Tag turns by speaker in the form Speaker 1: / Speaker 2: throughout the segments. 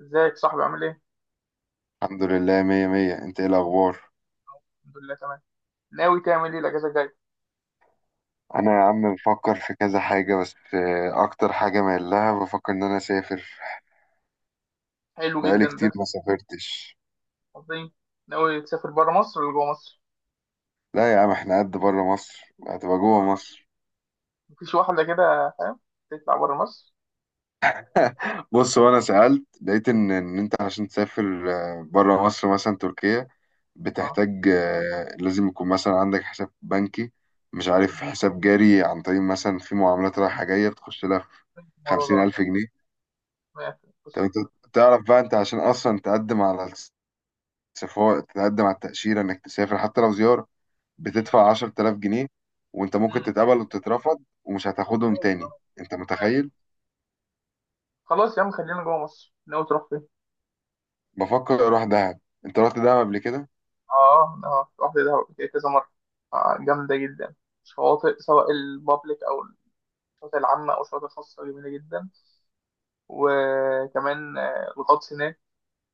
Speaker 1: ازيك صاحبي؟ عامل ايه؟
Speaker 2: الحمد لله مية مية. انت ايه الاخبار؟
Speaker 1: الحمد لله تمام. ناوي تعمل ايه الأجازة الجاية؟
Speaker 2: انا يا عم بفكر في كذا حاجة بس اكتر حاجة مايل لها، بفكر ان انا اسافر.
Speaker 1: حلو
Speaker 2: بقالي
Speaker 1: جدا ده.
Speaker 2: كتير ما سافرتش.
Speaker 1: عظيم. ناوي تسافر بره مصر ولا جوه مصر؟
Speaker 2: لا يا عم، احنا قد بره مصر هتبقى جوه مصر.
Speaker 1: مفيش واحدة كده، فاهم؟ تطلع بره مصر؟
Speaker 2: بص، وانا سألت لقيت ان انت عشان تسافر بره مصر مثلا تركيا،
Speaker 1: اه.
Speaker 2: بتحتاج لازم يكون مثلا عندك حساب بنكي، مش عارف حساب جاري، عن طريق مثلا في معاملات رايحة جاية بتخش لها في
Speaker 1: الموضوع
Speaker 2: خمسين
Speaker 1: ده.
Speaker 2: ألف جنيه
Speaker 1: ماشي، بص.
Speaker 2: طب انت تعرف بقى انت عشان اصلا تقدم على سفارة، تتقدم على التأشيرة إنك تسافر حتى لو زيارة
Speaker 1: مم.
Speaker 2: بتدفع 10,000 جنيه، وأنت ممكن
Speaker 1: مم.
Speaker 2: تتقبل وتترفض ومش هتاخدهم
Speaker 1: ماشي، اه.
Speaker 2: تاني؟ أنت
Speaker 1: ماشي.
Speaker 2: متخيل؟
Speaker 1: خلاص يا عم، خلينا جوه مصر. ناوي تروح فين؟
Speaker 2: بفكر أروح دهب. أنت رحت دهب قبل كده؟
Speaker 1: اه، اه، رحت دهب قبل كده كذا مرة. جامدة جدا. شواطئ، سواء البابليك أو الشواطئ العامة أو الشواطئ الخاصة، جميلة جدا. وكمان الغطس هناك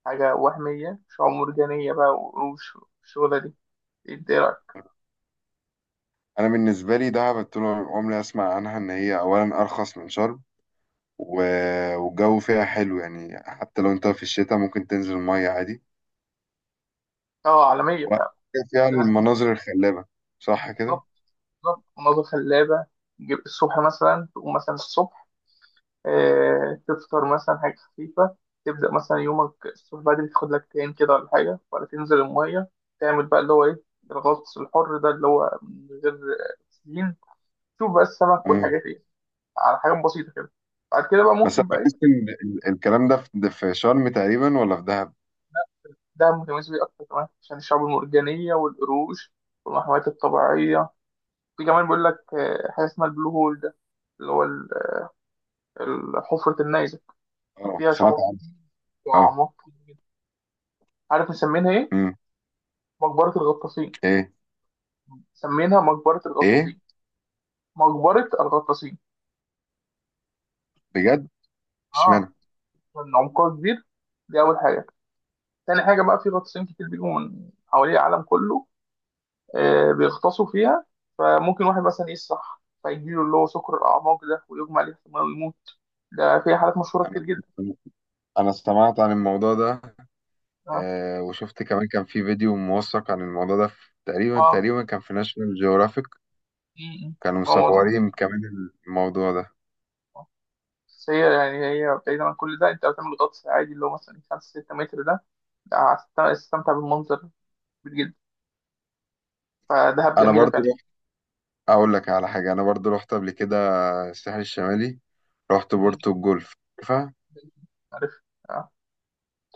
Speaker 1: حاجة وهمية، مش مرجانية بقى، والشغلة دي، ايه رأيك؟
Speaker 2: أنا بالنسبة لي دهب طول عمري أسمع عنها إن هي أولا أرخص من شرم، و... والجو فيها حلو، يعني حتى لو أنت في الشتاء ممكن تنزل المية عادي،
Speaker 1: اه، عالمية فعلا.
Speaker 2: وفيها
Speaker 1: لا،
Speaker 2: المناظر الخلابة. صح كده؟
Speaker 1: بالظبط. بالظبط، مناظر خلابة. تجيب الصبح مثلا، تقوم مثلا الصبح، تفطر مثلا حاجة خفيفة. تبدأ مثلا يومك الصبح بدري، تاخد لك تان كده ولا حاجة، ولا تنزل المية، تعمل بقى اللي هو ايه، الغطس الحر ده، اللي هو من غير سين، تشوف بقى السمك
Speaker 2: مم.
Speaker 1: والحاجات دي، على حاجات بسيطة كده. بعد كده بقى
Speaker 2: بس أنا
Speaker 1: ممكن بقى
Speaker 2: بحس
Speaker 1: ايه،
Speaker 2: إن الكلام ده في شرم تقريبا ولا في دهب؟
Speaker 1: ده متميز بيه أكتر كمان عشان الشعب المرجانية والقروش والمحميات الطبيعية. في كمان بيقول لك حاجة اسمها البلو هول ده، اللي هو حفرة النيزك،
Speaker 2: أه،
Speaker 1: فيها
Speaker 2: سمعت
Speaker 1: شعاب
Speaker 2: عنه.
Speaker 1: وأعماق كتير جدا. عارف مسمينها إيه؟
Speaker 2: أه.
Speaker 1: مقبرة الغطاسين.
Speaker 2: ايه.
Speaker 1: مسمينها مقبرة
Speaker 2: ايه.
Speaker 1: الغطاسين. مقبرة الغطاسين.
Speaker 2: بجد؟
Speaker 1: آه،
Speaker 2: اشمعنى؟
Speaker 1: لأن عمقها كبير، دي أول حاجة. تاني حاجة بقى، في غطاسين كتير بيجوا من حوالي العالم كله بيغطسوا فيها. فممكن واحد مثلا يسرح، فيجيله اللي هو سكر الأعماق ده، ويغمى عليه في المية ويموت. ده في حالات مشهورة
Speaker 2: انا
Speaker 1: كتير جدا.
Speaker 2: انا سمعت عن الموضوع ده.
Speaker 1: اه،
Speaker 2: آه، وشفت كمان كان في فيديو موثق عن الموضوع ده، في تقريبا
Speaker 1: اه.
Speaker 2: تقريبا كان في ناشونال جيوغرافيك،
Speaker 1: م- م.
Speaker 2: كانوا
Speaker 1: ما هو موضوع،
Speaker 2: مصورين كمان. الموضوع ده،
Speaker 1: بس هي يعني، هي بعيدا عن كل ده، انت بتعمل غطس عادي، اللي هو مثلا 5 6 متر، ده ده هتستمتع بالمنظر كبير جدا. فدهب
Speaker 2: انا
Speaker 1: جميلة
Speaker 2: برضو
Speaker 1: فعلا.
Speaker 2: رحت، اقول لك على حاجه، انا برضو رحت قبل كده الساحل الشمالي، رحت
Speaker 1: م.
Speaker 2: بورتو الجولف. عارفها؟
Speaker 1: عارف، اه،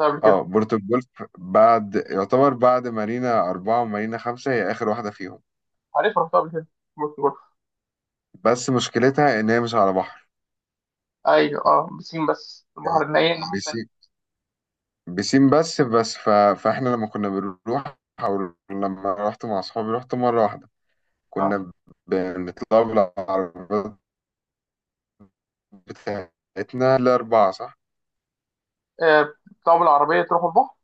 Speaker 1: رحتها قبل
Speaker 2: اه،
Speaker 1: كده.
Speaker 2: بورتو الجولف، بعد، يعتبر بعد مارينا 4 ومارينا 5، هي آخر واحدة فيهم.
Speaker 1: عارف، رحتها قبل كده، بورتو جولف.
Speaker 2: بس مشكلتها إن هي مش على بحر،
Speaker 1: ايوه، اه، بسين بس، البحر الناحية
Speaker 2: بس
Speaker 1: التانية.
Speaker 2: بسين بس فاحنا لما كنا بنروح، او لما رحت مع اصحابي رحت مره واحده،
Speaker 1: اه،
Speaker 2: كنا بنطلع بالعربيات بتاعتنا الـ4. صح؟
Speaker 1: بتطلعوا بالعربية تروحوا البحر.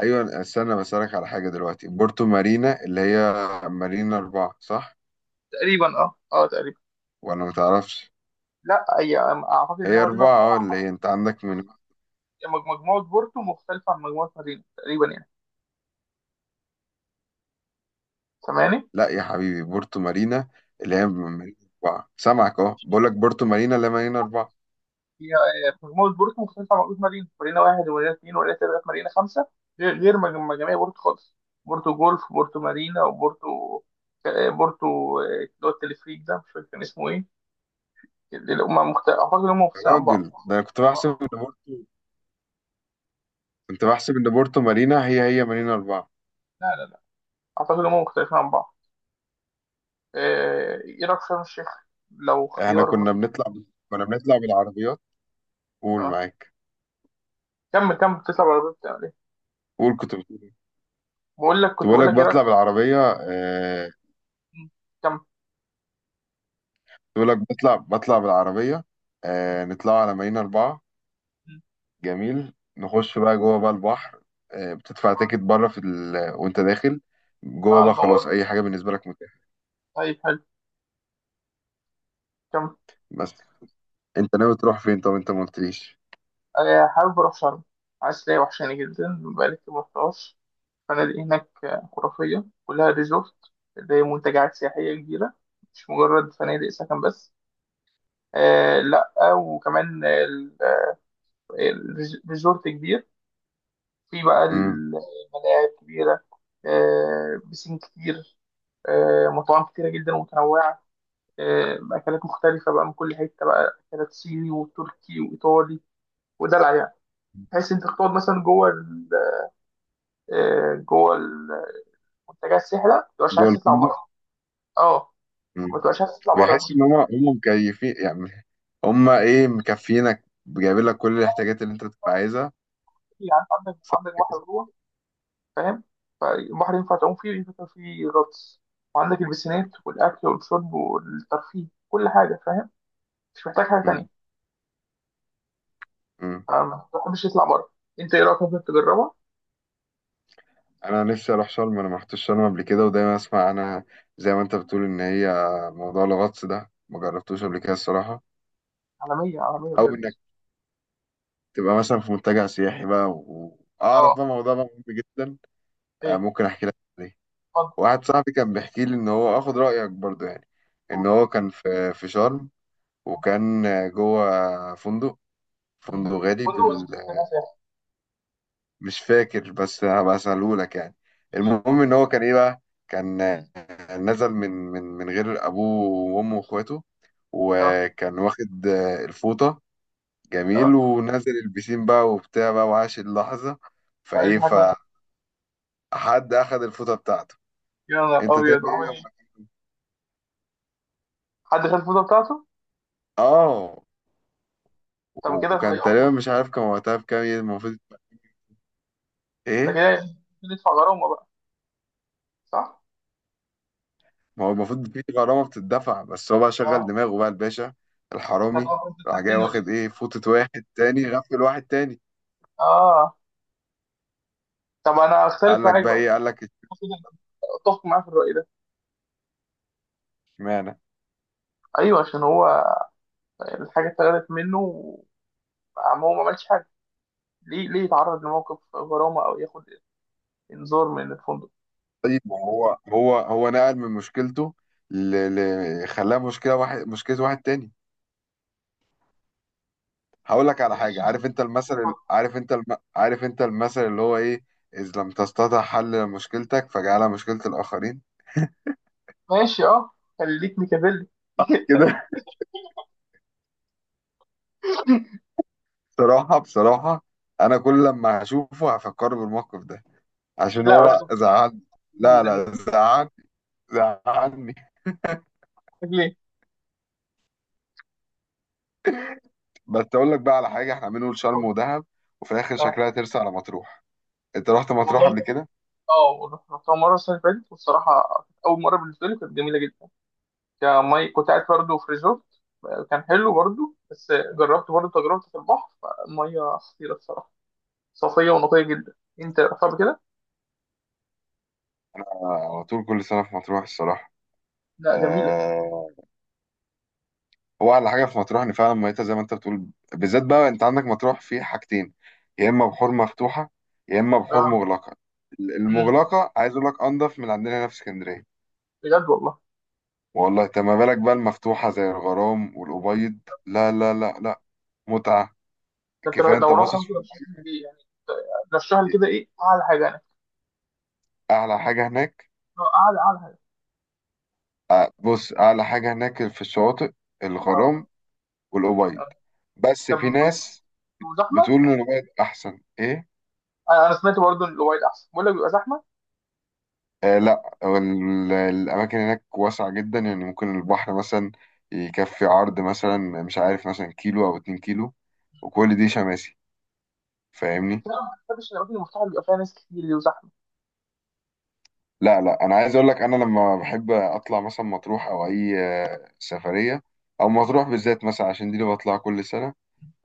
Speaker 2: ايوه، استنى بسالك على حاجه دلوقتي، بورتو مارينا اللي هي مارينا 4، صح
Speaker 1: تقريبا، اه، اه، تقريبا.
Speaker 2: ولا ما تعرفش؟
Speaker 1: لا، هي اعتقد ان هي
Speaker 2: هي
Speaker 1: مارينا
Speaker 2: اربعه، اه، اللي
Speaker 1: اربعة.
Speaker 2: هي انت عندك من،
Speaker 1: مجموعة بورتو مختلفة عن مجموعة مارينا تقريبا يعني. سامعني؟
Speaker 2: لا يا حبيبي، بورتو مارينا اللي هي من مارينا 4، سامعك، اهو بقول لك بورتو مارينا اللي هي مارينا اربعه.
Speaker 1: هي مجموعة بورتو مختلفة عن بورتو مارينا. مارينا واحد ومارينا اتنين ومارينا تلاتة، مارينا خمسة، غير مجاميع بورتو خالص. بورتو جولف، بورتو مارينا، وبورتو بورتو اللي هو التلفريك ده، مش فاكر كان اسمه ايه. أعتقد إن هم
Speaker 2: يا
Speaker 1: مختلفين عن بعض.
Speaker 2: راجل، ده انا كنت بحسب ان بورتو، كنت بحسب ان بورتو مارينا هي هي مارينا 4.
Speaker 1: لا، لا، لا، أعتقد إن هم مختلفين عن بعض. إيه رأيك في شرم الشيخ لو
Speaker 2: احنا
Speaker 1: خيار
Speaker 2: كنا
Speaker 1: مثلا؟
Speaker 2: كنا بنطلع بالعربيات. قول
Speaker 1: آه.
Speaker 2: معاك.
Speaker 1: كمل كمل، تطلع على الباب تعمل إيه؟
Speaker 2: قول، كنت بتقول إيه؟
Speaker 1: بقول لك،
Speaker 2: كنت
Speaker 1: كنت
Speaker 2: بقول
Speaker 1: بقول
Speaker 2: لك
Speaker 1: لك إيه رأيك.
Speaker 2: بطلع بالعربية
Speaker 1: كمل.
Speaker 2: كنت بقول لك بطلع بالعربية،
Speaker 1: م-
Speaker 2: نطلع على مارينا 4،
Speaker 1: م-
Speaker 2: جميل، نخش بقى جوه بقى البحر، بتدفع
Speaker 1: م.
Speaker 2: تيكت بره في وانت داخل جوه
Speaker 1: على
Speaker 2: بقى، خلاص
Speaker 1: البوابة.
Speaker 2: اي حاجة بالنسبة لك متاحة.
Speaker 1: طيب حلو، كمل.
Speaker 2: بس انت ناوي تروح فين؟ طب انت ما قلتليش.
Speaker 1: حابب أروح شرم، عسلية، وحشاني جدا، بقالي كتير مرحتهاش. الفنادق هناك خرافية، كلها ريزورت، زي منتجعات سياحية كبيرة، مش مجرد فنادق سكن بس. آه، لأ، وكمان ال- الريزورت كبير، في بقى
Speaker 2: مم.
Speaker 1: الملاعب كبيرة، بسين كتير، مطاعم كتيرة جدا ومتنوعة، أكلات مختلفة بقى من كل حتة بقى، أكلات صيني وتركي وإيطالي، ودلع يعني، بحيث أنت تقعد مثلا جوه جوه المنتجات السحره، ما تبقاش
Speaker 2: جوه
Speaker 1: عايز تطلع
Speaker 2: الفندق.
Speaker 1: بره. اه،
Speaker 2: مم.
Speaker 1: ما تبقاش عايز تطلع بره،
Speaker 2: بيحس
Speaker 1: مش
Speaker 2: ان
Speaker 1: عارف.
Speaker 2: هم مكيفين يعني، هما ايه، مكفينك، جايبين لك كل الاحتياجات اللي انت بتبقى عايزها.
Speaker 1: إيه، يعني عندك
Speaker 2: صح.
Speaker 1: عندك بحر جوه، فاهم؟ فالبحر ينفع تعوم فيه وينفع تعمل فيه غطس، وعندك البسينات والاكل والشرب والترفيه، كل حاجه، فاهم؟ مش محتاج حاجه
Speaker 2: مم.
Speaker 1: تانيه.
Speaker 2: مم.
Speaker 1: ما تحبش تطلع بره. انت ايه رايك، ممكن تجربها؟
Speaker 2: انا نفسي اروح شرم، انا ما رحتش شرم قبل كده، ودايما اسمع انا زي ما انت بتقول ان هي موضوع الغطس ده ما جربتوش قبل كده الصراحه،
Speaker 1: عالميه، عالميه
Speaker 2: او
Speaker 1: بجد.
Speaker 2: انك تبقى مثلا في منتجع سياحي بقى واعرف
Speaker 1: اه.
Speaker 2: بقى موضوع بقى مهم جدا. آه،
Speaker 1: ايه؟
Speaker 2: ممكن احكي لك عليه.
Speaker 1: اتفضل.
Speaker 2: واحد صاحبي كان بيحكي لي ان هو اخد رايك برضو يعني،
Speaker 1: قول.
Speaker 2: ان هو كان في شرم، وكان جوه فندق،
Speaker 1: مم.
Speaker 2: فندق غالي،
Speaker 1: فندق بس محتاج سياحة.
Speaker 2: مش فاكر بس هبقى اساله لك يعني. المهم ان هو كان ايه بقى، كان،
Speaker 1: مم.
Speaker 2: نزل من غير ابوه وامه واخواته،
Speaker 1: اه،
Speaker 2: وكان واخد الفوطه، جميل،
Speaker 1: اه.
Speaker 2: ونزل البسين بقى وبتاع بقى وعاش اللحظه.
Speaker 1: طيب،
Speaker 2: فايه،
Speaker 1: دي حاجه كويسة.
Speaker 2: فحد اخد الفوطه بتاعته.
Speaker 1: يا نهار
Speaker 2: انت تاني
Speaker 1: ابيض،
Speaker 2: ايه
Speaker 1: عمل ايه؟
Speaker 2: لما،
Speaker 1: حد شاف الفوطه بتاعته؟
Speaker 2: اه،
Speaker 1: طب كده
Speaker 2: وكان
Speaker 1: هيقف
Speaker 2: تقريبا مش
Speaker 1: مشكله،
Speaker 2: عارف كان وقتها بكام يعني المفروض،
Speaker 1: ده
Speaker 2: ايه.
Speaker 1: كده ندفع غرامة بقى، صح؟
Speaker 2: ما هو المفروض في غرامة بتدفع، بس هو بقى
Speaker 1: اه.
Speaker 2: شغل دماغه بقى الباشا الحرامي،
Speaker 1: هتبقى فرصة حد
Speaker 2: راح جاي
Speaker 1: تاني ولا ايه؟
Speaker 2: واخد ايه، فوطة واحد تاني، غفل واحد تاني.
Speaker 1: اه. طب انا اختلف
Speaker 2: قال لك
Speaker 1: معاك
Speaker 2: بقى
Speaker 1: بقى،
Speaker 2: ايه، قال لك
Speaker 1: اتفق معاه في الرأي ده.
Speaker 2: اشمعنى؟
Speaker 1: ايوه، عشان هو الحاجة اتاخدت منه، وعم هو ما عملش حاجة، ليه ليه يتعرض لموقف غرامة او ياخد انذار من الفندق؟
Speaker 2: طيب، ما هو هو هو نقل من مشكلته ل... خلاها مشكلة واحد، مشكلة واحد تاني. هقول لك على حاجة،
Speaker 1: ماشي.
Speaker 2: عارف انت المثل، عارف انت عارف انت المثل اللي هو ايه، إذ لم تستطع حل مشكلتك فاجعلها مشكلة الآخرين.
Speaker 1: ماشي، اه، خليك ميكافيلي.
Speaker 2: كده. بصراحة، بصراحة أنا كل لما هشوفه هفكر بالموقف ده، عشان
Speaker 1: لا بس،
Speaker 2: هو زعلني.
Speaker 1: ليه؟
Speaker 2: لا لا، زعلني، زعلني.
Speaker 1: ليه؟
Speaker 2: بس اقول لك بقى على حاجه، احنا عاملين نقول شرم ودهب، وفي الاخر شكلها
Speaker 1: آه،
Speaker 2: ترسى على مطروح. انت رحت مطروح قبل
Speaker 1: والله،
Speaker 2: كده؟
Speaker 1: اه، رحتها مرة السنة اللي فاتت، والصراحة كانت أول مرة بالنسبة لي، كانت جميلة جدا. كمي كنت قاعد برضه في ريزورت، كان حلو برضه، بس جربت برضه تجربة في البحر، المية خطيرة الصراحة، صافية ونقية جدا. انت رحتها قبل كده؟
Speaker 2: آه، على طول، كل سنه في مطروح الصراحه.
Speaker 1: لا، جميلة.
Speaker 2: آه. هو احلى حاجه في مطروح ان فعلا ميتها زي ما انت بتقول. بالذات بقى انت عندك مطروح في حاجتين، يا اما بحور مفتوحه يا اما بحور
Speaker 1: اه.
Speaker 2: مغلقه.
Speaker 1: امم.
Speaker 2: المغلقه عايز اقول لك انضف من عندنا هنا في اسكندريه.
Speaker 1: بجد والله.
Speaker 2: والله. انت ما بالك بقى المفتوحه زي الغرام والابيض؟ لا لا لا لا، متعه.
Speaker 1: ده أنت
Speaker 2: كفايه انت
Speaker 1: لو رحت
Speaker 2: باصص
Speaker 1: ممكن
Speaker 2: في
Speaker 1: ارشح لي ايه يعني؟ رشح لي كده
Speaker 2: الناحيتين.
Speaker 1: ايه اعلى حاجة يعني؟
Speaker 2: اعلى حاجه هناك.
Speaker 1: اعلى، اعلى حاجة.
Speaker 2: بص، اعلى حاجه هناك في الشواطئ،
Speaker 1: اه.
Speaker 2: الغرام والأبيض.
Speaker 1: آه.
Speaker 2: بس
Speaker 1: طب
Speaker 2: في
Speaker 1: بيبقوا
Speaker 2: ناس
Speaker 1: زحمة؟
Speaker 2: بتقول ان الأبيض احسن. ايه،
Speaker 1: انا سمعت برضه ان الاوبايد احسن، بقول لك بيبقى زحمة.
Speaker 2: آه. لا، هو الاماكن هناك واسعه جدا، يعني ممكن البحر مثلا يكفي عرض مثلا مش عارف مثلا كيلو او 2 كيلو، وكل دي شماسي. فاهمني؟
Speaker 1: لا، ما بحبش الاماكن المفتوحة اللي بيبقى فيها ناس كتير دي وزحمة.
Speaker 2: لا لا، انا عايز اقول لك انا لما بحب اطلع مثلا مطروح او اي سفريه، او مطروح بالذات مثلا عشان دي اللي بطلع كل سنه،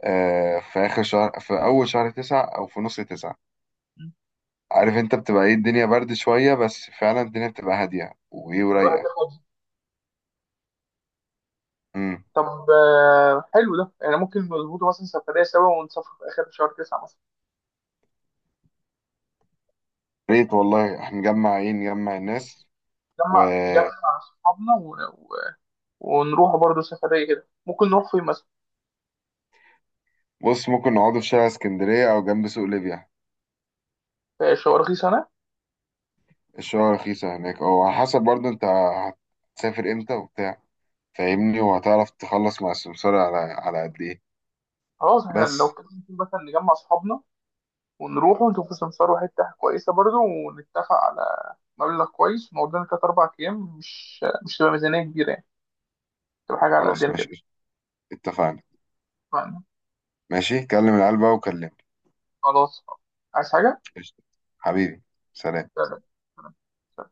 Speaker 2: آه، في آخر شهر، في أول شهر 9 أو في نص 9،
Speaker 1: مم.
Speaker 2: عارف أنت بتبقى إيه، الدنيا برد شوية، بس فعلا الدنيا بتبقى هادية وإيه
Speaker 1: تبقى
Speaker 2: ورايقة.
Speaker 1: هادية.
Speaker 2: أمم.
Speaker 1: طب حلو ده، يعني ممكن نظبطه مثلا سفرية سوا، ونسافر في آخر شهر تسعة مثلا.
Speaker 2: ريت والله، إحنا نجمع إيه، نجمع الناس.
Speaker 1: نجمع
Speaker 2: وبص.
Speaker 1: نجمع أصحابنا و- ونروح برضه سفرية كده. ممكن نروح فين مثلا؟
Speaker 2: ممكن نقعدوا في شارع اسكندرية أو جنب سوق ليبيا،
Speaker 1: في شوارخيص أنا.
Speaker 2: الشوارع رخيصة هناك، أو على حسب برضه أنت هتسافر إمتى وبتاع،
Speaker 1: مم.
Speaker 2: فاهمني، وهتعرف تخلص مع السمسار على على قد إيه.
Speaker 1: خلاص، احنا لو
Speaker 2: بس
Speaker 1: كده ممكن مثلا نجمع أصحابنا، ونروح ونشوف سمسار حتة كويسة برضه، ونتفق على مبلغ كويس، ونقعد لنا تلات أربع أيام، مش تبقى ميزانية كبيرة يعني، تبقى حاجة على
Speaker 2: خلاص،
Speaker 1: قدنا كده.
Speaker 2: ماشي. اتفقنا.
Speaker 1: اتفقنا.
Speaker 2: ماشي، كلم العيال بقى وكلمني.
Speaker 1: خلاص، عايز حاجة؟
Speaker 2: قشطة. حبيبي، سلام.
Speaker 1: سلام. سلام.